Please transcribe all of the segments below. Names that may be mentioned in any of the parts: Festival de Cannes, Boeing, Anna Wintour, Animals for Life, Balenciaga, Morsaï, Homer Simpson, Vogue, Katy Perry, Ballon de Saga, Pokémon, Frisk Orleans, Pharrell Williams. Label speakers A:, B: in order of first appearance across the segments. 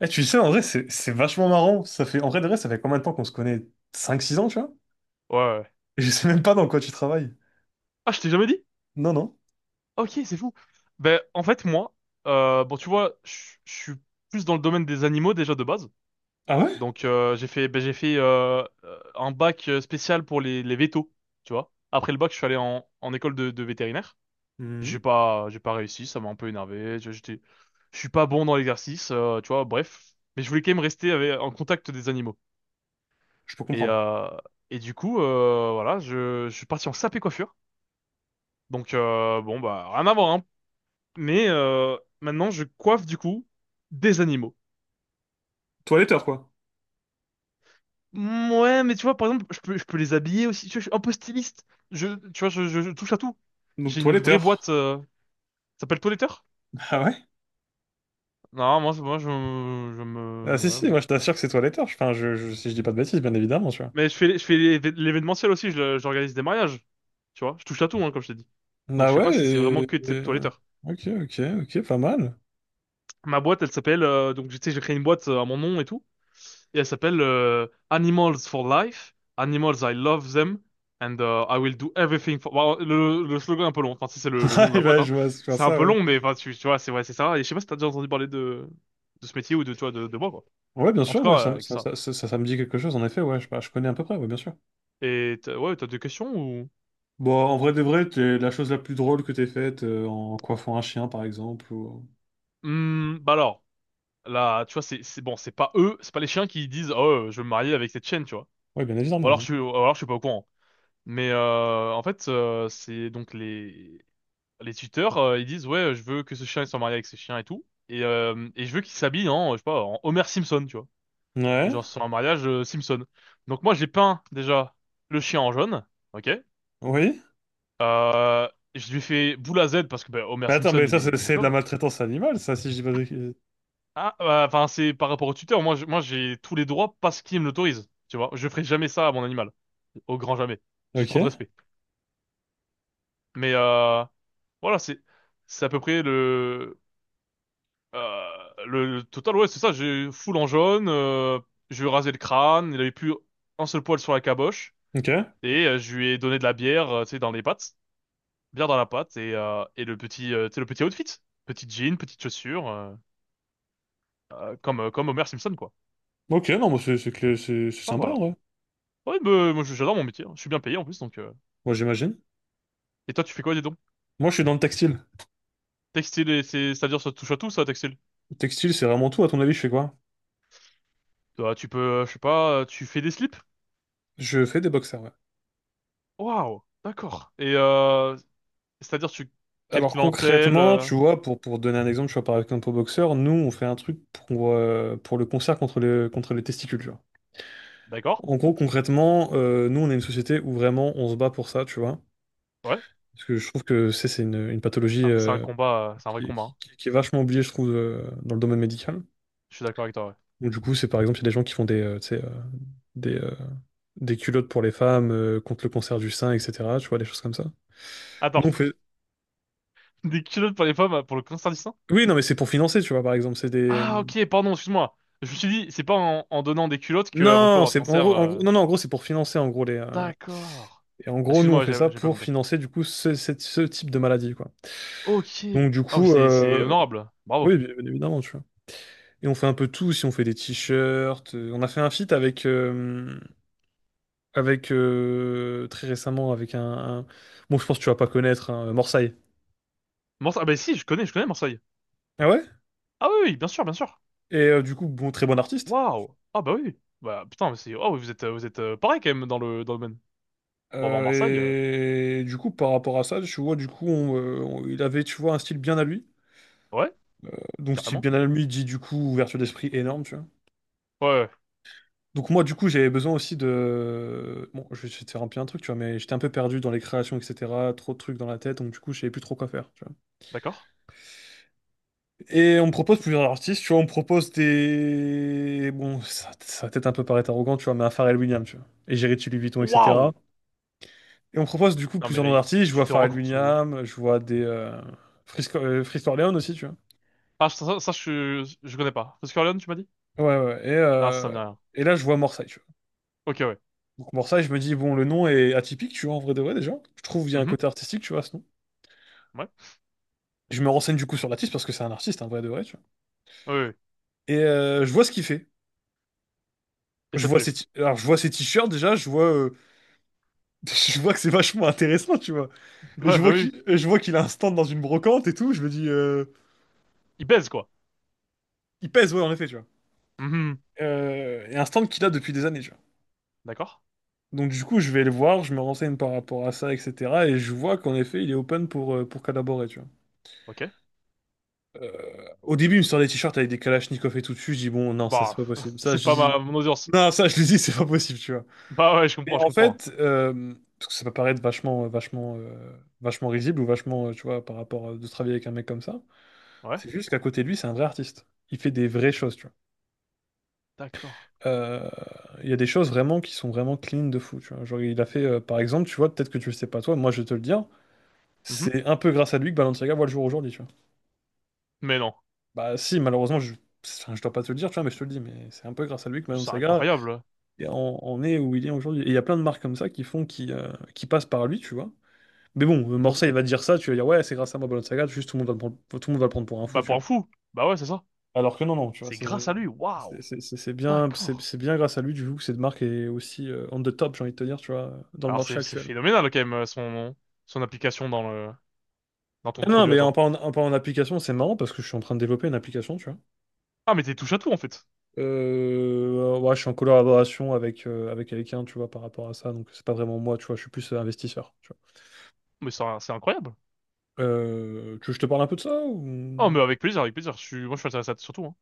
A: Eh, tu sais, en vrai, c'est vachement marrant. Ça fait, en vrai, de vrai, ça fait combien de temps qu'on se connaît? 5 6 ans, tu vois?
B: Ouais, ouais.
A: Et je sais même pas dans quoi tu travailles.
B: Ah, je t'ai jamais dit?
A: Non, non.
B: Ok, c'est fou. Ben, en fait, moi, bon, tu vois, je suis plus dans le domaine des animaux déjà de base.
A: Ah ouais?
B: Donc, j'ai fait, ben, j'ai fait un bac spécial pour les vétos, tu vois. Après le bac, je suis allé en école de vétérinaire.
A: Mhm.
B: J'ai pas réussi, ça m'a un peu énervé. J'étais, je suis pas bon dans l'exercice, tu vois, bref. Mais je voulais quand même rester en contact des animaux.
A: Je peux
B: Et,
A: comprendre.
B: euh, et du coup, voilà, je suis parti en sapé coiffure. Donc, bon, bah, rien à voir, hein. Mais maintenant, je coiffe du coup des animaux.
A: Toiletteur, quoi.
B: Mm, ouais, mais tu vois, par exemple, je peux les habiller aussi. Tu vois, je suis un peu styliste. Je, tu vois, je touche à tout.
A: Donc,
B: J'ai une vraie boîte.
A: toiletteur.
B: Ça s'appelle Toiletteur?
A: Ah ouais?
B: Non, moi, moi, je
A: Ah
B: me,
A: si,
B: ouais,
A: si,
B: bon.
A: moi, je t'assure que c'est toiletteur. Enfin, si je dis pas de bêtises, bien évidemment, tu vois.
B: Mais je fais l'événementiel aussi. J'organise des mariages. Tu vois, je touche à tout, hein, comme je t'ai dit. Donc, je
A: Ah
B: sais pas
A: ouais?
B: si c'est vraiment que de Toiletteur.
A: Ok, ok, ok, pas mal.
B: Ma boîte, elle s'appelle. Donc, tu sais, j'ai créé une boîte à mon nom et tout. Et elle s'appelle Animals for Life. Animals, I love them. And I will do everything for... Bon, le slogan est un peu long. Enfin, si c'est le nom
A: Ah,
B: de
A: eh
B: la boîte,
A: ben,
B: hein.
A: je vois
B: C'est un
A: ça,
B: peu
A: ouais.
B: long, mais enfin, tu vois, c'est ouais, c'est ça. Et je sais pas si t'as déjà entendu parler de ce métier ou de, tu vois, de moi, quoi.
A: Ouais, bien
B: En tout
A: sûr,
B: cas,
A: ouais,
B: avec ça.
A: ça me dit quelque chose, en effet, ouais. Je, bah, je connais à peu près, ouais, bien sûr.
B: Et ouais, t'as des questions ou...
A: Bon, en vrai de vrai, t'es la chose la plus drôle que t'aies faite en coiffant un chien, par exemple, ou...
B: Hmm, bah alors, là, tu vois, bon, c'est pas eux, c'est pas les chiens qui disent, oh, je veux me marier avec cette chienne, tu vois.
A: Ouais, bien
B: Ou alors,
A: évidemment.
B: ou alors, je suis pas au courant. Mais en fait, c'est donc les tuteurs, ils disent ouais, je veux que ce chien il soit marié avec ce chien et tout, et je veux qu'il s'habille en, je sais pas, en Homer Simpson, tu vois,
A: Ouais.
B: genre sur un mariage Simpson. Donc moi j'ai peint déjà le chien en jaune, ok.
A: Ouais, oui.
B: Euh, je lui ai fait boule à Z parce que bah, Homer
A: Mais attends,
B: Simpson
A: mais
B: il
A: ça, c'est
B: est
A: c'est de la
B: chauve.
A: maltraitance animale, ça, si je dis pas de...
B: Ah, bah, enfin c'est par rapport au tuteur. Moi j'ai tous les droits parce qu'il me l'autorise, tu vois. Je ferai jamais ça à mon animal, au grand jamais. J'ai
A: Ok,
B: trop de respect. Mais voilà, c'est à peu près Euh, le total, ouais, c'est ça, j'ai full en jaune, je lui ai rasé le crâne, il avait plus un seul poil sur la caboche,
A: ok.
B: et je lui ai donné de la bière, tu sais, dans les pattes, bière dans la patte, et le petit, tu sais, le petit outfit, petit jean, petite chaussure, comme, comme Homer Simpson, quoi.
A: Ok, non, mais c'est
B: Enfin,
A: sympa, en
B: voilà.
A: vrai.
B: Ouais, bah, moi, j'adore mon métier, hein. Je suis bien payé en plus, donc...
A: Moi, j'imagine.
B: Et toi, tu fais quoi, dis donc?
A: Moi, je suis dans le textile.
B: Textile, et c'est-à-dire ça touche à tout, ça, textile?
A: Le textile, c'est vraiment tout. À ton avis, je fais quoi?
B: Toi, tu peux, je sais pas, tu fais des slips?
A: Je fais des boxers, ouais.
B: Waouh, d'accord. Et, c'est-à-dire tu... Quelle
A: Alors,
B: clientèle?
A: concrètement, tu vois, pour donner un exemple, tu vois, par exemple, aux boxeur, nous, on fait un truc pour le concert contre les testicules, tu vois.
B: D'accord.
A: En gros, concrètement, nous, on est une société où vraiment on se bat pour ça, tu vois.
B: Ouais.
A: Parce que je trouve que c'est une pathologie
B: Ah, mais c'est un combat, c'est un vrai
A: qui,
B: combat, hein.
A: qui est vachement oubliée, je trouve, dans le domaine médical.
B: Je suis d'accord avec toi, ouais.
A: Donc, du coup, c'est par exemple, il y a des gens qui font des, tu sais, des, euh, des culottes pour les femmes contre le cancer du sein, etc. Tu vois, des choses comme ça. Nous,
B: Attends,
A: on fait...
B: des culottes pour les femmes, pour le cancer du sein?
A: Oui, non, mais c'est pour financer, tu vois, par exemple. C'est des.
B: Ah, ok, pardon, excuse-moi. Je me suis dit, c'est pas en donnant des culottes que, on peut
A: Non,
B: avoir le
A: c'est
B: cancer.
A: en
B: euh.
A: gros- non, non, en gros, c'est pour financer, en gros, les,
B: D'accord.
A: et en gros, nous, on
B: Excuse-moi, ouais,
A: fait ça
B: j'ai pas
A: pour
B: compris.
A: financer, du coup, ce type de maladie, quoi.
B: Ok.
A: Donc, du
B: Ah, mais
A: coup,
B: c'est honorable. Bravo.
A: oui, bien évidemment, tu vois. Et on fait un peu tout, si on fait des t-shirts, on a fait un feat avec, très récemment avec un- bon, je pense que tu vas pas connaître, hein, Morsaï.
B: Ah, bah si, je connais Marseille.
A: Ah ouais?
B: Ah oui, oui, bien sûr, bien sûr.
A: Et du coup, bon, très bon artiste.
B: Waouh. Ah bah oui. Bah putain, mais c'est. Oh, oui, vous êtes pareil quand même dans le domaine. Pour avoir Marseille,
A: Euh, et du coup, par rapport à ça, tu vois, du coup, il avait, tu vois, un style bien à lui.
B: ouais,
A: Donc, style
B: carrément.
A: bien à lui dit du coup ouverture d'esprit énorme, tu vois.
B: Ouais, ouais,
A: Donc moi, du coup, j'avais besoin aussi de... Bon, je vais te faire un peu un truc, tu vois, mais j'étais un peu perdu dans les créations, etc. Trop de trucs dans la tête, donc du coup, je savais plus trop quoi faire, tu vois.
B: d'accord.
A: Et on me propose plusieurs artistes, tu vois, on me propose des... Bon, ça va peut-être un peu paraître arrogant, tu vois, mais un Pharrell Williams, tu vois. Et j'ai Louis Vuitton, etc.
B: Waouh.
A: Et on me propose du coup
B: Non mais
A: plusieurs
B: là,
A: noms d'artistes, je
B: tu
A: vois
B: te rends
A: Pharrell
B: compte ou?
A: Williams, je vois des... Frisco- Frisk Orleans aussi, tu vois.
B: Ah, je, je connais pas. Parce Corleone, tu m'as dit?
A: Ouais, ouais,
B: Ah, ça me dit rien.
A: et là, je vois Morsay, tu vois.
B: Ok, ouais.
A: Donc Morsay, je me dis, bon, le nom est atypique, tu vois, en vrai de vrai, déjà. Je trouve qu'il y a un
B: Mhm.
A: côté artistique, tu vois, à ce nom.
B: Ouais.
A: Je me renseigne du coup sur l'artiste, parce que c'est un artiste, en vrai de vrai, tu vois.
B: Oui, oui, oui.
A: Et je vois ce qu'il fait.
B: Et
A: Je
B: ça te
A: vois
B: plaît.
A: ses t- Alors, je vois ses t-shirts, déjà, je vois... je vois que c'est vachement intéressant, tu vois. Et
B: Ouais,
A: je
B: bah
A: vois
B: oui.
A: qu'il a un stand dans une brocante et tout. Je me dis,
B: Il baise, quoi.
A: il pèse, ouais, en effet, tu vois.
B: Mhm.
A: Et un stand qu'il a depuis des années, tu vois.
B: D'accord.
A: Donc du coup, je vais le voir, je me renseigne par rapport à ça, etc. Et je vois qu'en effet, il est open pour collaborer, tu vois.
B: Ok.
A: Au début, il me sort des t-shirts avec des Kalachnikov et tout dessus. Je dis, bon, non, ça, c'est
B: Bah,
A: pas possible. Ça,
B: c'est
A: je
B: pas
A: dis,
B: mon audience.
A: non, ça, je lui dis, c'est pas possible, tu vois.
B: Bah ouais,
A: Et
B: je
A: en
B: comprends.
A: fait, parce que ça peut paraître vachement, vachement risible ou vachement, tu vois, par rapport à de travailler avec un mec comme ça.
B: Ouais.
A: C'est juste qu'à côté de lui, c'est un vrai artiste. Il fait des vraies choses, tu vois.
B: D'accord.
A: Euh, Il y a des choses vraiment qui sont vraiment clean de fou. Tu vois. Genre, il a fait, par exemple, tu vois, peut-être que tu le sais pas toi, moi je vais te le dire,
B: Mhm.
A: c'est un peu grâce à lui que Balenciaga voit le jour aujourd'hui. Tu vois.
B: Mais non.
A: Bah, si, malheureusement, je, enfin, je dois pas te le dire, tu vois, mais je te le dis, mais c'est un peu grâce à lui que
B: C'est
A: Balenciaga
B: incroyable.
A: en est où il est aujourd'hui. Et il y a plein de marques comme ça qui font, qui passent par lui, tu vois. Mais bon,
B: Bon,
A: Morcel, il va te dire ça, tu vas dire, ouais, c'est grâce à moi, Balenciaga, juste tout le monde va le prendre, tout le monde va le prendre pour un fou,
B: bah,
A: tu
B: pour un
A: vois.
B: fou. Bah ouais, c'est ça.
A: Alors que non, non, tu vois,
B: C'est grâce à lui. Waouh.
A: c'est bien, c'est
B: D'accord.
A: c'est bien grâce à lui du coup que cette marque est aussi on the top, j'ai envie de te dire, tu vois, dans le
B: Alors,
A: marché
B: c'est
A: actuel.
B: phénoménal, quand même, son application dans dans ton
A: Ah non,
B: produit à
A: mais
B: toi.
A: en parlant d'application, c'est marrant parce que je suis en train de développer une application, tu vois.
B: Ah, mais t'es touche à tout, en fait.
A: Ouais, je suis en collaboration avec, avec quelqu'un, tu vois, par rapport à ça, donc c'est pas vraiment moi, tu vois, je suis plus investisseur, tu
B: Mais c'est incroyable.
A: vois. Tu veux que je te parle un peu de ça
B: Oh,
A: ou...
B: mais avec plaisir, avec plaisir. Moi, je suis intéressé à surtout, hein.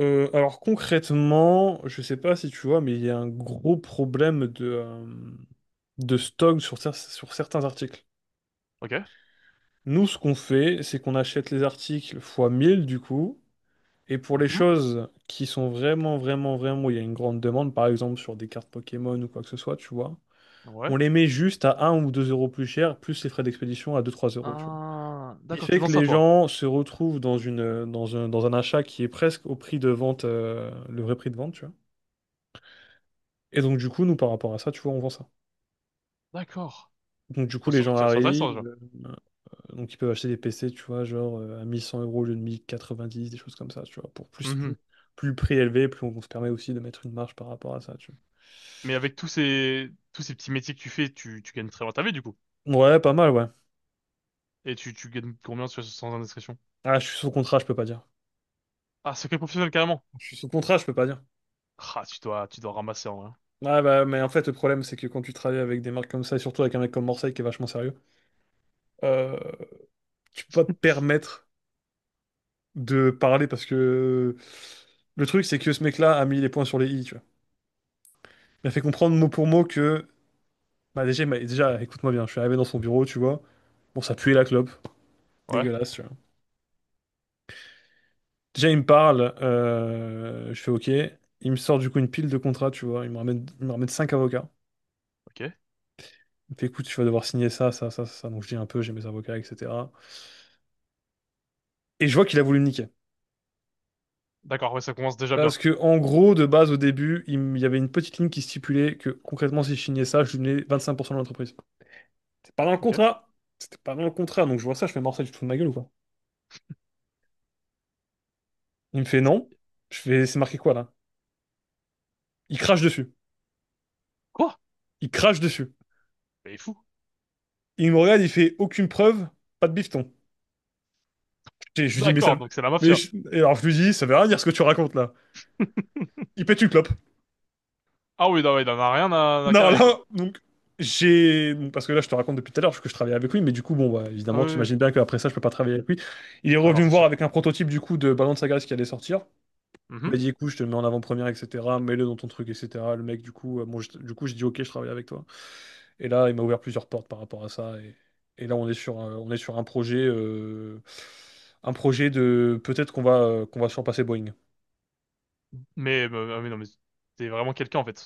A: Alors concrètement, je sais pas si tu vois, mais il y a un gros problème de stock sur, sur certains articles.
B: Ok.
A: Nous, ce qu'on fait, c'est qu'on achète les articles fois 1000 du coup. Et pour les
B: Mhm.
A: choses qui sont vraiment, il y a une grande demande, par exemple sur des cartes Pokémon ou quoi que ce soit, tu vois,
B: Ouais.
A: on les met juste à un ou 2 euros plus cher, plus les frais d'expédition à deux trois euros, tu vois.
B: Ah,
A: Ce qui
B: d'accord,
A: fait
B: t'es dans
A: que
B: ça,
A: les
B: toi.
A: gens se retrouvent dans une, dans un achat qui est presque au prix de vente, le vrai prix de vente, tu vois. Et donc, du coup, nous, par rapport à ça, tu vois, on vend ça.
B: D'accord.
A: Donc, du coup,
B: Oh,
A: les gens
B: c'est intéressant,
A: arrivent,
B: déjà.
A: euh, donc, ils peuvent acheter des PC, tu vois, genre à 1100 euros au lieu de 1090, des choses comme ça, tu vois.
B: Mhm.
A: Plus le prix est élevé, on se permet aussi de mettre une marge par rapport à ça, tu
B: Mais avec tous ces petits métiers que tu fais, tu gagnes très bien ta vie, du coup.
A: vois. Ouais, pas mal, ouais.
B: Et tu gagnes combien sans indiscrétion?
A: Ah, je suis sous contrat, je peux pas dire.
B: Ah, secret professionnel, carrément.
A: Je suis sous contrat, je peux pas dire.
B: Ah, tu dois ramasser, en vrai.
A: Ouais, bah, mais en fait, le problème, c'est que quand tu travailles avec des marques comme ça, et surtout avec un mec comme Morseille qui est vachement sérieux, euh, tu peux pas te permettre de parler parce que le truc, c'est que ce mec-là a mis les points sur les i, tu vois. Il m'a fait comprendre mot pour mot que, bah, déjà, écoute-moi bien, je suis arrivé dans son bureau, tu vois. Bon, ça puait la clope.
B: Ouais.
A: Dégueulasse, tu vois. Déjà, il me parle, je fais OK. Il me sort du coup une pile de contrats, tu vois. Il me ramène 5 avocats.
B: Ok.
A: Il me fait, écoute, tu vas devoir signer ça, ça, ça, ça. Donc je dis un peu, j'ai mes avocats, etc. Et je vois qu'il a voulu me niquer.
B: D'accord, ouais, ça commence déjà bien.
A: Parce que, en gros, de base, au début, il y avait une petite ligne qui stipulait que concrètement, si je signais ça, je lui donnais 25% de l'entreprise. C'est pas dans le
B: Ok.
A: contrat. C'était pas dans le contrat. Donc je vois ça, je fais morceau, tu te fous de ma gueule ou quoi? Il me fait
B: C'est,
A: non. Je fais, c'est marqué quoi là? Il crache dessus.
B: quoi?
A: Il crache dessus.
B: Mais il est fou.
A: Il me regarde, il fait aucune preuve, pas de bifton. Et je lui dis, mais ça.
B: D'accord, donc c'est la mafia.
A: Alors je lui dis, ça veut rien dire ce que tu racontes là. Il pète une clope.
B: Ah oui, non, ouais, il en a rien à, à
A: Non,
B: carrer, quoi.
A: là, donc, j'ai. Parce que là, je te raconte depuis tout à l'heure que je travaillais avec lui, mais du coup, bon, bah,
B: Ah
A: évidemment,
B: oui,
A: tu
B: oui, oui.
A: imagines bien qu'après ça, je peux pas travailler avec lui. Il est
B: Ah non,
A: revenu
B: c'est
A: me voir
B: sûr.
A: avec un prototype du coup de Ballon de Saga qui allait sortir. Il
B: Mhm.
A: m'a dit, écoute, je te le mets en avant-première, etc. Mets-le dans ton truc, etc. Le mec, du coup, bon, du coup, j'ai dit, ok, je travaille avec toi. Et là, il m'a ouvert plusieurs portes par rapport à ça. Et là, on est on est sur un projet, un projet de peut-être qu'on va surpasser Boeing.
B: Mais non, mais t'es vraiment quelqu'un en fait.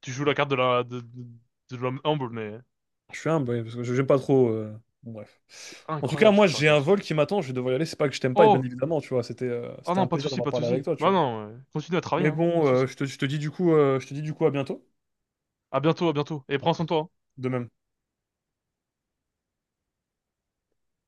B: Tu joues la carte de la de l'homme humble, mais
A: Ah, je suis humble, oui, parce que je n'aime pas trop, bon, bref.
B: c'est
A: En tout cas,
B: incroyable ce que
A: moi,
B: tu
A: j'ai un
B: racontes.
A: vol qui m'attend, je vais devoir y aller. C'est pas que je t'aime pas, et bien
B: Oh!
A: évidemment, tu vois. C'était
B: Ah
A: c'était
B: non,
A: un
B: pas de
A: plaisir
B: souci,
A: d'avoir
B: pas de
A: parlé avec
B: souci.
A: toi, tu
B: Bah
A: vois.
B: non, continue à travailler,
A: Mais
B: hein, pas
A: bon,
B: de souci.
A: je te dis du coup, à bientôt.
B: À bientôt, à bientôt. Et prends soin de toi, hein.
A: De même.